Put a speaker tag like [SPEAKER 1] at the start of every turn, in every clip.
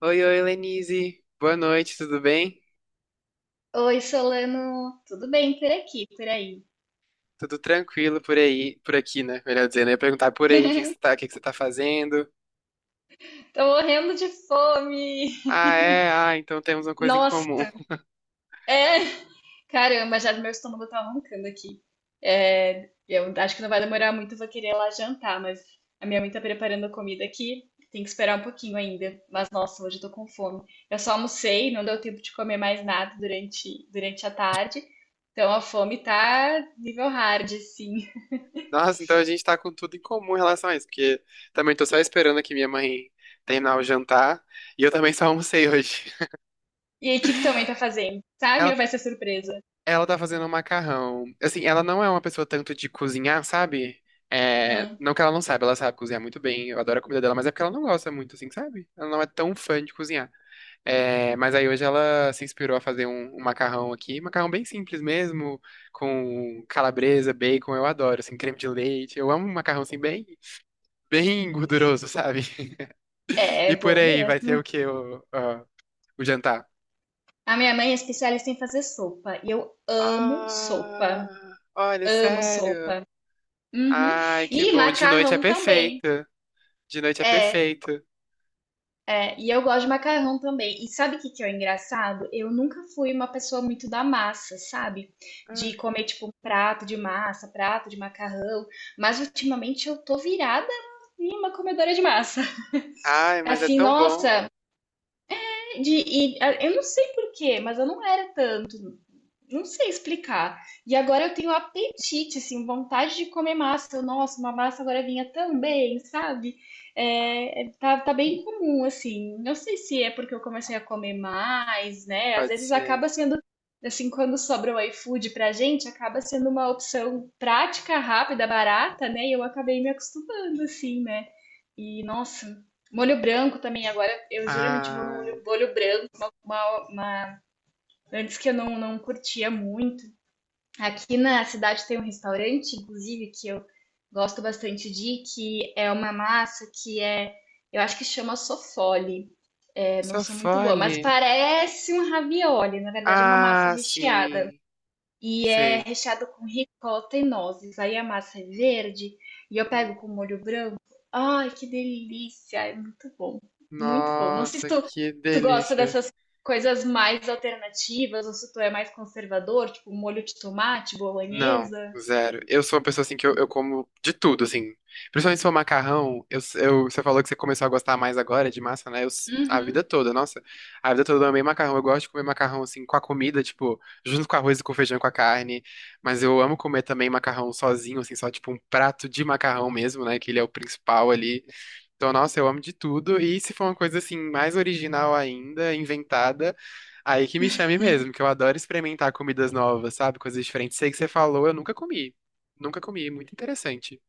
[SPEAKER 1] Oi, oi, Lenise. Boa noite, tudo bem?
[SPEAKER 2] Oi, Solano, tudo bem por aqui, por aí?
[SPEAKER 1] Tudo tranquilo por aí, por aqui, né? Melhor dizendo, eu ia perguntar por aí o que que você tá fazendo.
[SPEAKER 2] Tô morrendo de fome.
[SPEAKER 1] Ah, é? Ah, então temos uma coisa em comum.
[SPEAKER 2] Nossa, é. Caramba, já meu estômago tá roncando aqui. É, eu acho que não vai demorar muito, eu vou querer ir lá jantar, mas a minha mãe tá preparando a comida aqui. Tem que esperar um pouquinho ainda. Mas nossa, hoje eu tô com fome. Eu só almocei, não deu tempo de comer mais nada durante a tarde. Então a fome tá nível hard, sim.
[SPEAKER 1] Nossa, então a gente tá com tudo em comum em relação a isso, porque também tô só esperando aqui minha mãe terminar o jantar e eu também só almocei hoje.
[SPEAKER 2] E aí, o que que tua mãe tá fazendo? Sabe?
[SPEAKER 1] Ela,
[SPEAKER 2] Ou vai ser surpresa?
[SPEAKER 1] ela tá fazendo um macarrão. Assim, ela não é uma pessoa tanto de cozinhar, sabe? É,
[SPEAKER 2] Hum,
[SPEAKER 1] não que ela não saiba, ela sabe cozinhar muito bem. Eu adoro a comida dela, mas é porque ela não gosta muito, assim, sabe? Ela não é tão fã de cozinhar. É, mas aí hoje ela se inspirou a fazer um macarrão aqui, macarrão bem simples mesmo, com calabresa, bacon, eu adoro, assim, creme de leite, eu amo um macarrão assim bem, bem gorduroso, sabe?
[SPEAKER 2] é
[SPEAKER 1] E
[SPEAKER 2] é
[SPEAKER 1] por
[SPEAKER 2] bom
[SPEAKER 1] aí vai
[SPEAKER 2] mesmo.
[SPEAKER 1] ter o que o, ó, o jantar?
[SPEAKER 2] A minha mãe é especialista em fazer sopa e eu amo
[SPEAKER 1] Ah,
[SPEAKER 2] sopa.
[SPEAKER 1] olha,
[SPEAKER 2] Amo
[SPEAKER 1] sério?
[SPEAKER 2] sopa. Uhum.
[SPEAKER 1] Ai, que
[SPEAKER 2] E
[SPEAKER 1] bom, de noite é
[SPEAKER 2] macarrão também.
[SPEAKER 1] perfeito, de noite é
[SPEAKER 2] É,
[SPEAKER 1] perfeito.
[SPEAKER 2] e eu gosto de macarrão também. E sabe o que que é o engraçado? Eu nunca fui uma pessoa muito da massa, sabe?
[SPEAKER 1] Ah,
[SPEAKER 2] De comer tipo um prato de massa, prato de macarrão, mas ultimamente eu tô virada em uma comedora de massa.
[SPEAKER 1] ai, mas é
[SPEAKER 2] Assim,
[SPEAKER 1] tão bom,
[SPEAKER 2] nossa, de, ah, eu não sei por quê, mas eu não era tanto. Não sei explicar. E agora eu tenho apetite, assim, vontade de comer massa. Eu, nossa, uma massa agora vinha também, sabe? Tá bem comum, assim. Não sei se é porque eu comecei a comer mais, né? Às
[SPEAKER 1] pode
[SPEAKER 2] vezes
[SPEAKER 1] ser.
[SPEAKER 2] acaba sendo, assim, quando sobra o iFood pra gente, acaba sendo uma opção prática, rápida, barata, né? E eu acabei me acostumando, assim, né? E, nossa, molho branco também. Agora eu geralmente vou no
[SPEAKER 1] Ah,
[SPEAKER 2] molho branco, uma antes que eu não curtia muito. Aqui na cidade tem um restaurante, inclusive, que eu gosto bastante de ir, que é uma massa eu acho que chama sofole. É, não
[SPEAKER 1] só
[SPEAKER 2] sou muito boa, mas
[SPEAKER 1] fole.
[SPEAKER 2] parece um ravioli. Na verdade, é uma massa
[SPEAKER 1] Ah,
[SPEAKER 2] recheada.
[SPEAKER 1] sim,
[SPEAKER 2] E é
[SPEAKER 1] sei.
[SPEAKER 2] recheado com ricota e nozes. Aí a massa é verde e eu pego com molho branco. Ai, que delícia! É muito bom. Muito bom. Não sei se
[SPEAKER 1] Nossa,
[SPEAKER 2] tu,
[SPEAKER 1] que
[SPEAKER 2] tu gosta
[SPEAKER 1] delícia.
[SPEAKER 2] dessas coisas mais alternativas ou se tu é mais conservador, tipo molho de tomate,
[SPEAKER 1] Não,
[SPEAKER 2] bolonhesa.
[SPEAKER 1] zero. Eu sou uma pessoa assim que eu como de tudo, assim. Principalmente se for macarrão, você falou que você começou a gostar mais agora de massa, né? Eu, a
[SPEAKER 2] Uhum.
[SPEAKER 1] vida toda, nossa. A vida toda eu amei macarrão. Eu gosto de comer macarrão assim com a comida, tipo, junto com arroz e com feijão, e com a carne. Mas eu amo comer também macarrão sozinho, assim, só tipo um prato de macarrão mesmo, né? Que ele é o principal ali. Então, nossa, eu amo de tudo. E se for uma coisa assim, mais original ainda, inventada, aí que me chame mesmo, que eu adoro experimentar comidas novas, sabe? Coisas diferentes. Sei que você falou, eu nunca comi. Nunca comi, muito interessante.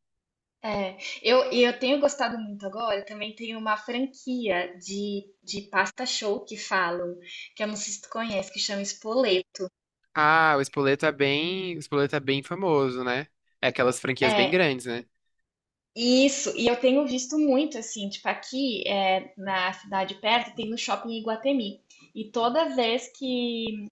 [SPEAKER 2] É, e eu tenho gostado muito agora, também tem uma franquia de pasta show que falam, que eu não sei se tu conhece, que chama Spoleto.
[SPEAKER 1] Ah, o espoleto é bem, o espoleto é bem famoso, né? É aquelas franquias bem
[SPEAKER 2] É,
[SPEAKER 1] grandes, né?
[SPEAKER 2] isso, e eu tenho visto muito, assim, tipo, aqui é, na cidade perto tem um shopping em Iguatemi. E toda vez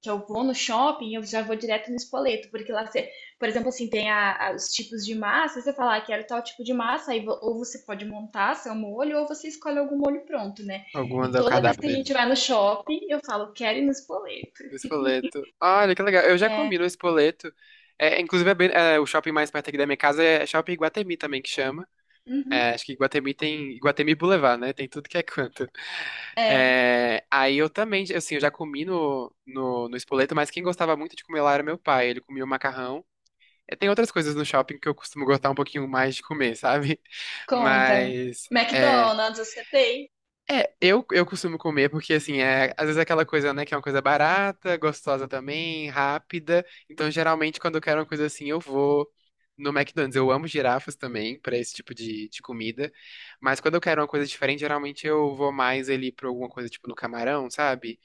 [SPEAKER 2] que eu vou no shopping, eu já vou direto no espoleto, porque lá você, por exemplo, assim, tem os tipos de massa, você fala, ah, quero tal tipo de massa, aí ou você pode montar seu molho, ou você escolhe algum molho pronto, né?
[SPEAKER 1] Algumas
[SPEAKER 2] E
[SPEAKER 1] é o
[SPEAKER 2] toda vez
[SPEAKER 1] cardápio
[SPEAKER 2] que a
[SPEAKER 1] deles.
[SPEAKER 2] gente
[SPEAKER 1] Né?
[SPEAKER 2] vai no shopping, eu falo, quero ir no espoleto.
[SPEAKER 1] O espoleto. Olha que legal. Eu já
[SPEAKER 2] É,
[SPEAKER 1] comi no espoleto. É, inclusive, é bem- é, o shopping mais perto aqui da minha casa é Shopping Iguatemi também que chama.
[SPEAKER 2] uhum,
[SPEAKER 1] É, acho que Iguatemi tem Iguatemi Boulevard, né? Tem tudo que é canto.
[SPEAKER 2] é,
[SPEAKER 1] É, aí eu também, assim, eu já comi no Spoleto, mas quem gostava muito de comer lá era meu pai. Ele comia o macarrão. É, tem outras coisas no shopping que eu costumo gostar um pouquinho mais de comer, sabe?
[SPEAKER 2] conta.
[SPEAKER 1] Mas. É,
[SPEAKER 2] McDonald's, você tem?
[SPEAKER 1] é, eu costumo comer porque, assim, é, às vezes é aquela coisa, né, que é uma coisa barata, gostosa também, rápida. Então, geralmente, quando eu quero uma coisa assim, eu vou no McDonald's. Eu amo girafas também, pra esse tipo de comida. Mas quando eu quero uma coisa diferente, geralmente eu vou mais ali pra alguma coisa, tipo, no Camarão, sabe?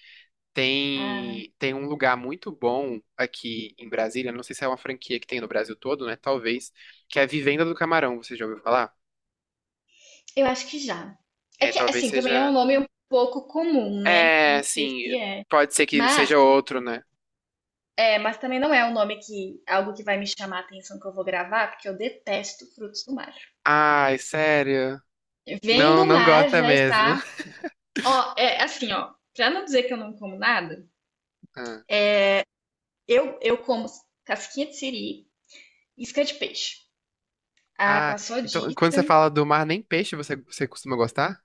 [SPEAKER 2] Ah.
[SPEAKER 1] Tem um lugar muito bom aqui em Brasília, não sei se é uma franquia que tem no Brasil todo, né, talvez, que é a Vivenda do Camarão, você já ouviu falar?
[SPEAKER 2] Eu acho que já. É
[SPEAKER 1] É,
[SPEAKER 2] que,
[SPEAKER 1] talvez
[SPEAKER 2] assim, também é um
[SPEAKER 1] seja.
[SPEAKER 2] nome um pouco comum, né?
[SPEAKER 1] É,
[SPEAKER 2] Não sei
[SPEAKER 1] assim,
[SPEAKER 2] se é.
[SPEAKER 1] pode ser que
[SPEAKER 2] Mas,
[SPEAKER 1] seja outro, né?
[SPEAKER 2] é, mas também não é um nome que, algo que vai me chamar a atenção que eu vou gravar, porque eu detesto frutos do mar.
[SPEAKER 1] Ai, sério?
[SPEAKER 2] Vem
[SPEAKER 1] Não,
[SPEAKER 2] do
[SPEAKER 1] não
[SPEAKER 2] mar
[SPEAKER 1] gosta
[SPEAKER 2] já
[SPEAKER 1] mesmo.
[SPEAKER 2] está. Ó, é assim, ó. Pra não dizer que eu não como nada,
[SPEAKER 1] Ah,
[SPEAKER 2] eu como casquinha de siri, isca de peixe. Ah,
[SPEAKER 1] ah,
[SPEAKER 2] passou
[SPEAKER 1] então
[SPEAKER 2] disso.
[SPEAKER 1] quando você fala do mar, nem peixe você costuma gostar?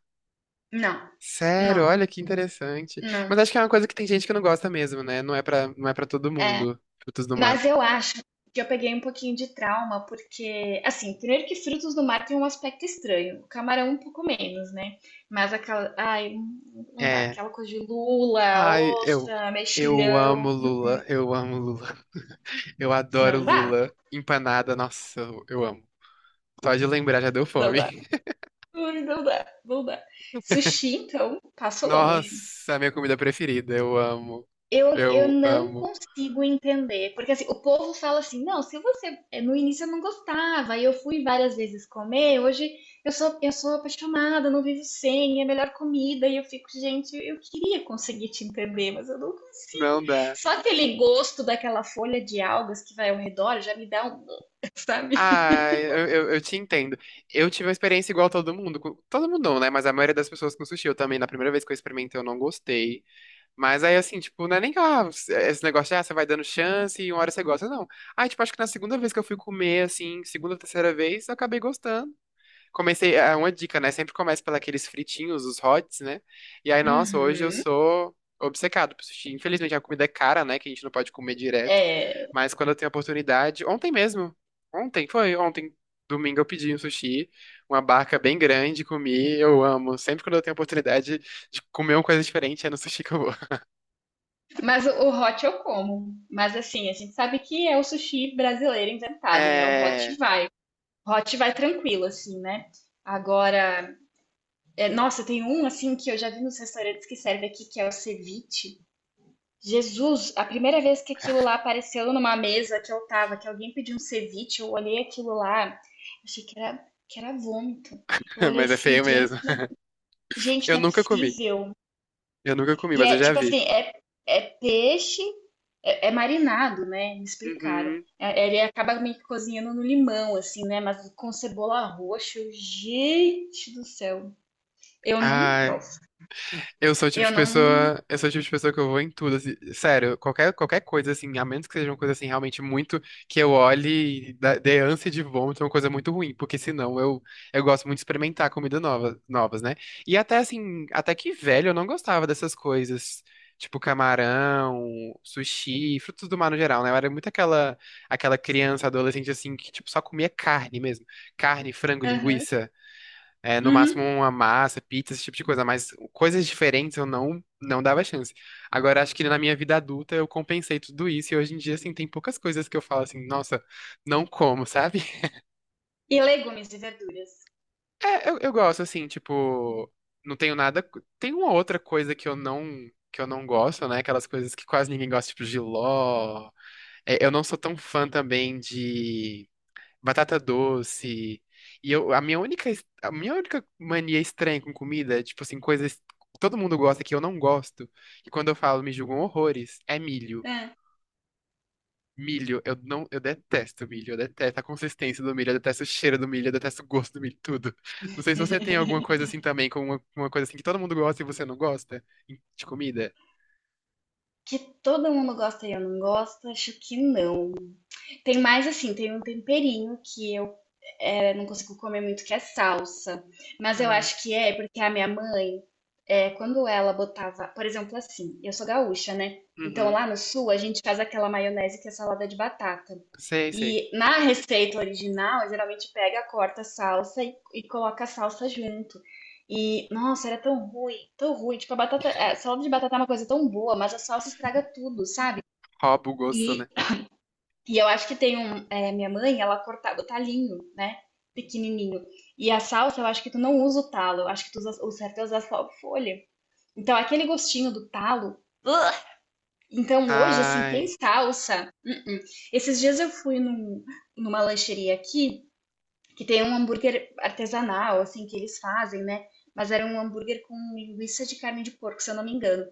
[SPEAKER 2] Não,
[SPEAKER 1] Sério,
[SPEAKER 2] não,
[SPEAKER 1] olha que interessante.
[SPEAKER 2] não.
[SPEAKER 1] Mas acho que é uma coisa que tem gente que não gosta mesmo, né? Não é pra todo
[SPEAKER 2] É,
[SPEAKER 1] mundo, frutos do mar.
[SPEAKER 2] mas eu acho que eu peguei um pouquinho de trauma, porque, assim, primeiro que frutos do mar tem um aspecto estranho, o camarão um pouco menos, né? Mas aquela, ai, não dá,
[SPEAKER 1] É.
[SPEAKER 2] aquela coisa de lula,
[SPEAKER 1] Ai,
[SPEAKER 2] ostra,
[SPEAKER 1] eu amo
[SPEAKER 2] mexilhão,
[SPEAKER 1] Lula, eu amo Lula. Eu adoro
[SPEAKER 2] não dá,
[SPEAKER 1] Lula. Empanada, nossa, eu amo. Só de lembrar já deu
[SPEAKER 2] não
[SPEAKER 1] fome.
[SPEAKER 2] dá, ai, não dá, não dá. Sushi, então, passo longe.
[SPEAKER 1] Nossa, minha comida preferida. Eu amo.
[SPEAKER 2] Eu
[SPEAKER 1] Eu
[SPEAKER 2] não
[SPEAKER 1] amo.
[SPEAKER 2] consigo entender, porque assim, o povo fala assim, não, se você, é, no início eu não gostava, aí eu fui várias vezes comer, hoje eu sou apaixonada, não vivo sem, é a melhor comida, e eu fico, gente, eu queria conseguir te entender, mas eu não consigo.
[SPEAKER 1] Não dá.
[SPEAKER 2] Só aquele gosto daquela folha de algas que vai ao redor já me dá um, sabe?
[SPEAKER 1] Ah, eu te entendo. Eu tive uma experiência igual a todo mundo. Todo mundo não, né? Mas a maioria das pessoas com sushi, eu também, na primeira vez que eu experimentei, eu não gostei. Mas aí, assim, tipo, não é nem que ah, esse negócio de, ah, você vai dando chance e uma hora você gosta. Não. Ah, tipo, acho que na segunda vez que eu fui comer, assim, segunda ou terceira vez, eu acabei gostando. Comecei, é uma dica, né? Sempre começa pelos fritinhos, os hots, né? E aí, nossa, hoje eu
[SPEAKER 2] Uhum.
[SPEAKER 1] sou obcecado por sushi. Infelizmente, a comida é cara, né? Que a gente não pode comer direto.
[SPEAKER 2] É,
[SPEAKER 1] Mas quando eu tenho oportunidade, ontem mesmo, ontem, domingo eu pedi um sushi, uma barca bem grande, comi, eu amo. Sempre quando eu tenho oportunidade de comer uma coisa diferente, é no sushi que eu vou.
[SPEAKER 2] mas o hot eu como, mas assim, a gente sabe que é o sushi brasileiro inventado, né? O hot
[SPEAKER 1] É,
[SPEAKER 2] vai. Hot vai tranquilo, assim, né? Agora, é, nossa, tem um assim que eu já vi nos restaurantes que serve aqui, que é o ceviche. Jesus, a primeira vez que aquilo lá apareceu numa mesa que eu tava, que alguém pediu um ceviche, eu olhei aquilo lá, achei que era vômito. Eu olhei
[SPEAKER 1] mas é
[SPEAKER 2] assim,
[SPEAKER 1] feio
[SPEAKER 2] gente,
[SPEAKER 1] mesmo.
[SPEAKER 2] gente,
[SPEAKER 1] Eu
[SPEAKER 2] não é
[SPEAKER 1] nunca comi,
[SPEAKER 2] possível.
[SPEAKER 1] eu nunca comi,
[SPEAKER 2] E
[SPEAKER 1] mas eu
[SPEAKER 2] é
[SPEAKER 1] já
[SPEAKER 2] tipo assim,
[SPEAKER 1] vi.
[SPEAKER 2] é, é peixe, é, é marinado, né? Me explicaram.
[SPEAKER 1] Uhum.
[SPEAKER 2] É, ele acaba meio que cozinhando no limão, assim, né? Mas com cebola roxa, eu, gente do céu. Eu não
[SPEAKER 1] Ah,
[SPEAKER 2] posso.
[SPEAKER 1] eu sou o tipo
[SPEAKER 2] Eu
[SPEAKER 1] de
[SPEAKER 2] não.
[SPEAKER 1] pessoa, eu sou o tipo de pessoa que eu vou em tudo, assim, sério, qualquer coisa, assim, a menos que seja uma coisa, assim, realmente muito, que eu olhe e dê ânsia de vômito, é uma coisa muito ruim, porque senão eu gosto muito de experimentar comida nova, novas, né? E até, assim, até que velho eu não gostava dessas coisas, tipo camarão, sushi, frutos do mar no geral, né? Eu era muito aquela, aquela criança, adolescente, assim, que, tipo, só comia carne mesmo, carne, frango,
[SPEAKER 2] Aham.
[SPEAKER 1] linguiça. É, no máximo
[SPEAKER 2] Uhum.
[SPEAKER 1] uma massa, pizza, esse tipo de coisa, mas coisas diferentes eu não dava chance. Agora, acho que na minha vida adulta eu compensei tudo isso e hoje em dia, assim, tem poucas coisas que eu falo assim, nossa, não como, sabe?
[SPEAKER 2] E legumes e verduras.
[SPEAKER 1] É, eu gosto, assim, tipo, não tenho nada. Tem uma outra coisa que eu não gosto, né? Aquelas coisas que quase ninguém gosta, tipo jiló. É, eu não sou tão fã também de batata doce. E eu, a minha única mania estranha com comida, é, tipo assim, coisas que todo mundo gosta que eu não gosto, e quando eu falo me julgam horrores, é milho.
[SPEAKER 2] É.
[SPEAKER 1] Milho, eu não, eu detesto milho, eu detesto a consistência do milho, eu detesto o cheiro do milho, eu detesto o gosto do milho, tudo. Não sei se você tem alguma coisa assim também, com uma coisa assim que todo mundo gosta e você não gosta de comida.
[SPEAKER 2] Que todo mundo gosta e eu não gosto, acho que não. Tem mais assim, tem um temperinho que eu é, não consigo comer muito que é salsa. Mas eu
[SPEAKER 1] Ah,
[SPEAKER 2] acho que é porque a minha mãe, é, quando ela botava, por exemplo, assim, eu sou gaúcha, né? Então
[SPEAKER 1] uhum.
[SPEAKER 2] lá no sul a gente faz aquela maionese que é salada de batata.
[SPEAKER 1] Sei, sei.
[SPEAKER 2] E na receita original, geralmente pega, corta a salsa e coloca a salsa junto. E, nossa, era tão ruim, tão ruim. Tipo, a batata, a salada de batata é uma coisa tão boa, mas a salsa estraga tudo, sabe?
[SPEAKER 1] Rouba o gosto, né?
[SPEAKER 2] E eu acho que tem um. É, minha mãe, ela cortava o talinho, né? Pequenininho. E a salsa, eu acho que tu não usa o talo. Eu acho que tu usa, o certo é usar só a folha. Então, aquele gostinho do talo. Ugh! Então, hoje, assim, tem
[SPEAKER 1] Ai,
[SPEAKER 2] salsa. Hum, hum. Esses dias eu fui numa lancheria aqui que tem um hambúrguer artesanal, assim, que eles fazem, né? Mas era um hambúrguer com linguiça de carne de porco, se eu não me engano.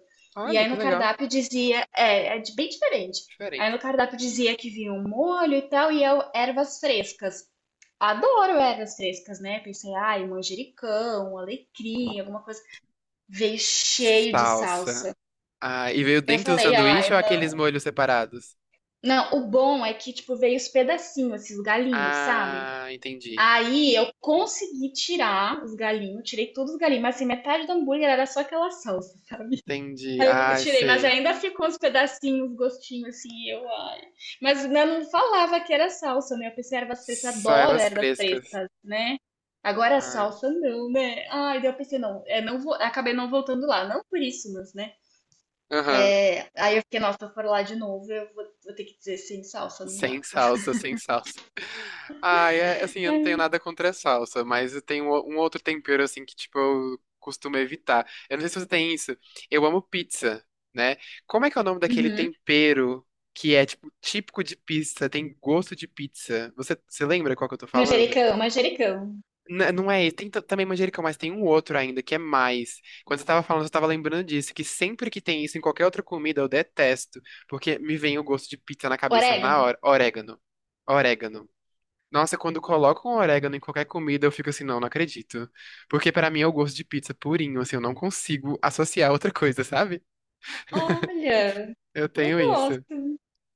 [SPEAKER 2] E
[SPEAKER 1] olha
[SPEAKER 2] aí
[SPEAKER 1] que
[SPEAKER 2] no
[SPEAKER 1] legal.
[SPEAKER 2] cardápio dizia, é, bem diferente. Aí
[SPEAKER 1] Diferente.
[SPEAKER 2] no cardápio dizia que vinha um molho e tal, e eu, ervas frescas. Adoro ervas frescas, né? Pensei, ai, manjericão, alecrim, alguma coisa. Veio cheio de
[SPEAKER 1] Salsa.
[SPEAKER 2] salsa.
[SPEAKER 1] Ah, e veio
[SPEAKER 2] Eu
[SPEAKER 1] dentro do
[SPEAKER 2] falei,
[SPEAKER 1] sanduíche
[SPEAKER 2] ai,
[SPEAKER 1] ou aqueles
[SPEAKER 2] não.
[SPEAKER 1] molhos separados?
[SPEAKER 2] Não, o bom é que, tipo, veio os pedacinhos, esses galinhos, sabe?
[SPEAKER 1] Ah, entendi.
[SPEAKER 2] Aí eu consegui tirar os galinhos, tirei todos os galinhos, mas assim, metade do hambúrguer era só aquela salsa.
[SPEAKER 1] Entendi.
[SPEAKER 2] Aí eu
[SPEAKER 1] Ah,
[SPEAKER 2] tirei, mas
[SPEAKER 1] sei.
[SPEAKER 2] ainda ficou uns pedacinhos, uns gostinhos assim, e eu, ai. Mas eu não falava que era salsa, né? Eu pensei, ervas frescas, eu
[SPEAKER 1] Só
[SPEAKER 2] adoro
[SPEAKER 1] ervas
[SPEAKER 2] ervas
[SPEAKER 1] frescas.
[SPEAKER 2] frescas, né? Agora a
[SPEAKER 1] Ah,
[SPEAKER 2] salsa não, né? Ai, daí eu pensei, não, é, não vou, acabei não voltando lá, não por isso, mas, né?
[SPEAKER 1] aham.
[SPEAKER 2] É, aí eu fiquei, nossa, se eu for lá de novo, eu vou, vou ter que dizer sem salsa, não
[SPEAKER 1] Sem
[SPEAKER 2] dá.
[SPEAKER 1] salsa, sem salsa. Ah, é assim, eu não tenho
[SPEAKER 2] É.
[SPEAKER 1] nada contra a salsa, mas eu tenho um outro tempero assim que, tipo, eu costumo evitar. Eu não sei se você tem isso. Eu amo pizza, né? Como é que é o nome daquele
[SPEAKER 2] Uhum.
[SPEAKER 1] tempero que é, tipo, típico de pizza, tem gosto de pizza? Você lembra qual que eu tô falando?
[SPEAKER 2] Manjericão, manjericão.
[SPEAKER 1] Não é esse. Tem também manjericão, mas tem um outro ainda, que é mais. Quando você tava falando, eu tava lembrando disso, que sempre que tem isso em qualquer outra comida, eu detesto, porque me vem o gosto de pizza na cabeça na
[SPEAKER 2] Orégano.
[SPEAKER 1] hora. Orégano. Orégano. Nossa, quando colocam orégano em qualquer comida, eu fico assim, não, não acredito. Porque pra mim é o gosto de pizza purinho, assim, eu não consigo associar outra coisa, sabe?
[SPEAKER 2] Olha.
[SPEAKER 1] Eu
[SPEAKER 2] Eu
[SPEAKER 1] tenho isso.
[SPEAKER 2] gosto,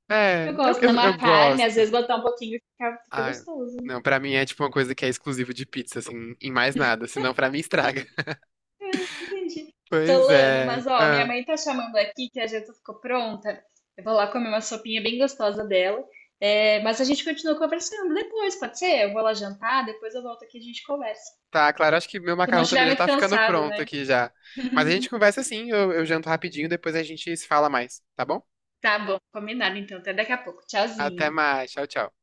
[SPEAKER 1] É,
[SPEAKER 2] eu gosto. Na
[SPEAKER 1] eu
[SPEAKER 2] uma carne, às
[SPEAKER 1] gosto.
[SPEAKER 2] vezes botar um pouquinho fica, fica
[SPEAKER 1] Ah,
[SPEAKER 2] gostoso.
[SPEAKER 1] não, pra mim é tipo uma coisa que é exclusiva de pizza, assim, em mais nada, senão pra mim estraga.
[SPEAKER 2] Entendi.
[SPEAKER 1] Pois
[SPEAKER 2] Solano,
[SPEAKER 1] é.
[SPEAKER 2] mas ó, minha
[SPEAKER 1] Ah,
[SPEAKER 2] mãe tá chamando aqui que a janta ficou pronta. Eu vou lá comer uma sopinha bem gostosa dela. É, mas a gente continua conversando depois, pode ser? Eu vou lá jantar, depois eu volto aqui e a gente conversa. Se
[SPEAKER 1] tá, claro, acho que meu
[SPEAKER 2] tu não
[SPEAKER 1] macarrão
[SPEAKER 2] estiver
[SPEAKER 1] também já
[SPEAKER 2] muito
[SPEAKER 1] tá ficando
[SPEAKER 2] cansado,
[SPEAKER 1] pronto
[SPEAKER 2] né?
[SPEAKER 1] aqui já. Mas a gente conversa assim, eu janto rapidinho, depois a gente se fala mais, tá bom?
[SPEAKER 2] Tá bom, combinado então. Até daqui a pouco.
[SPEAKER 1] Até
[SPEAKER 2] Tchauzinho.
[SPEAKER 1] mais, tchau, tchau.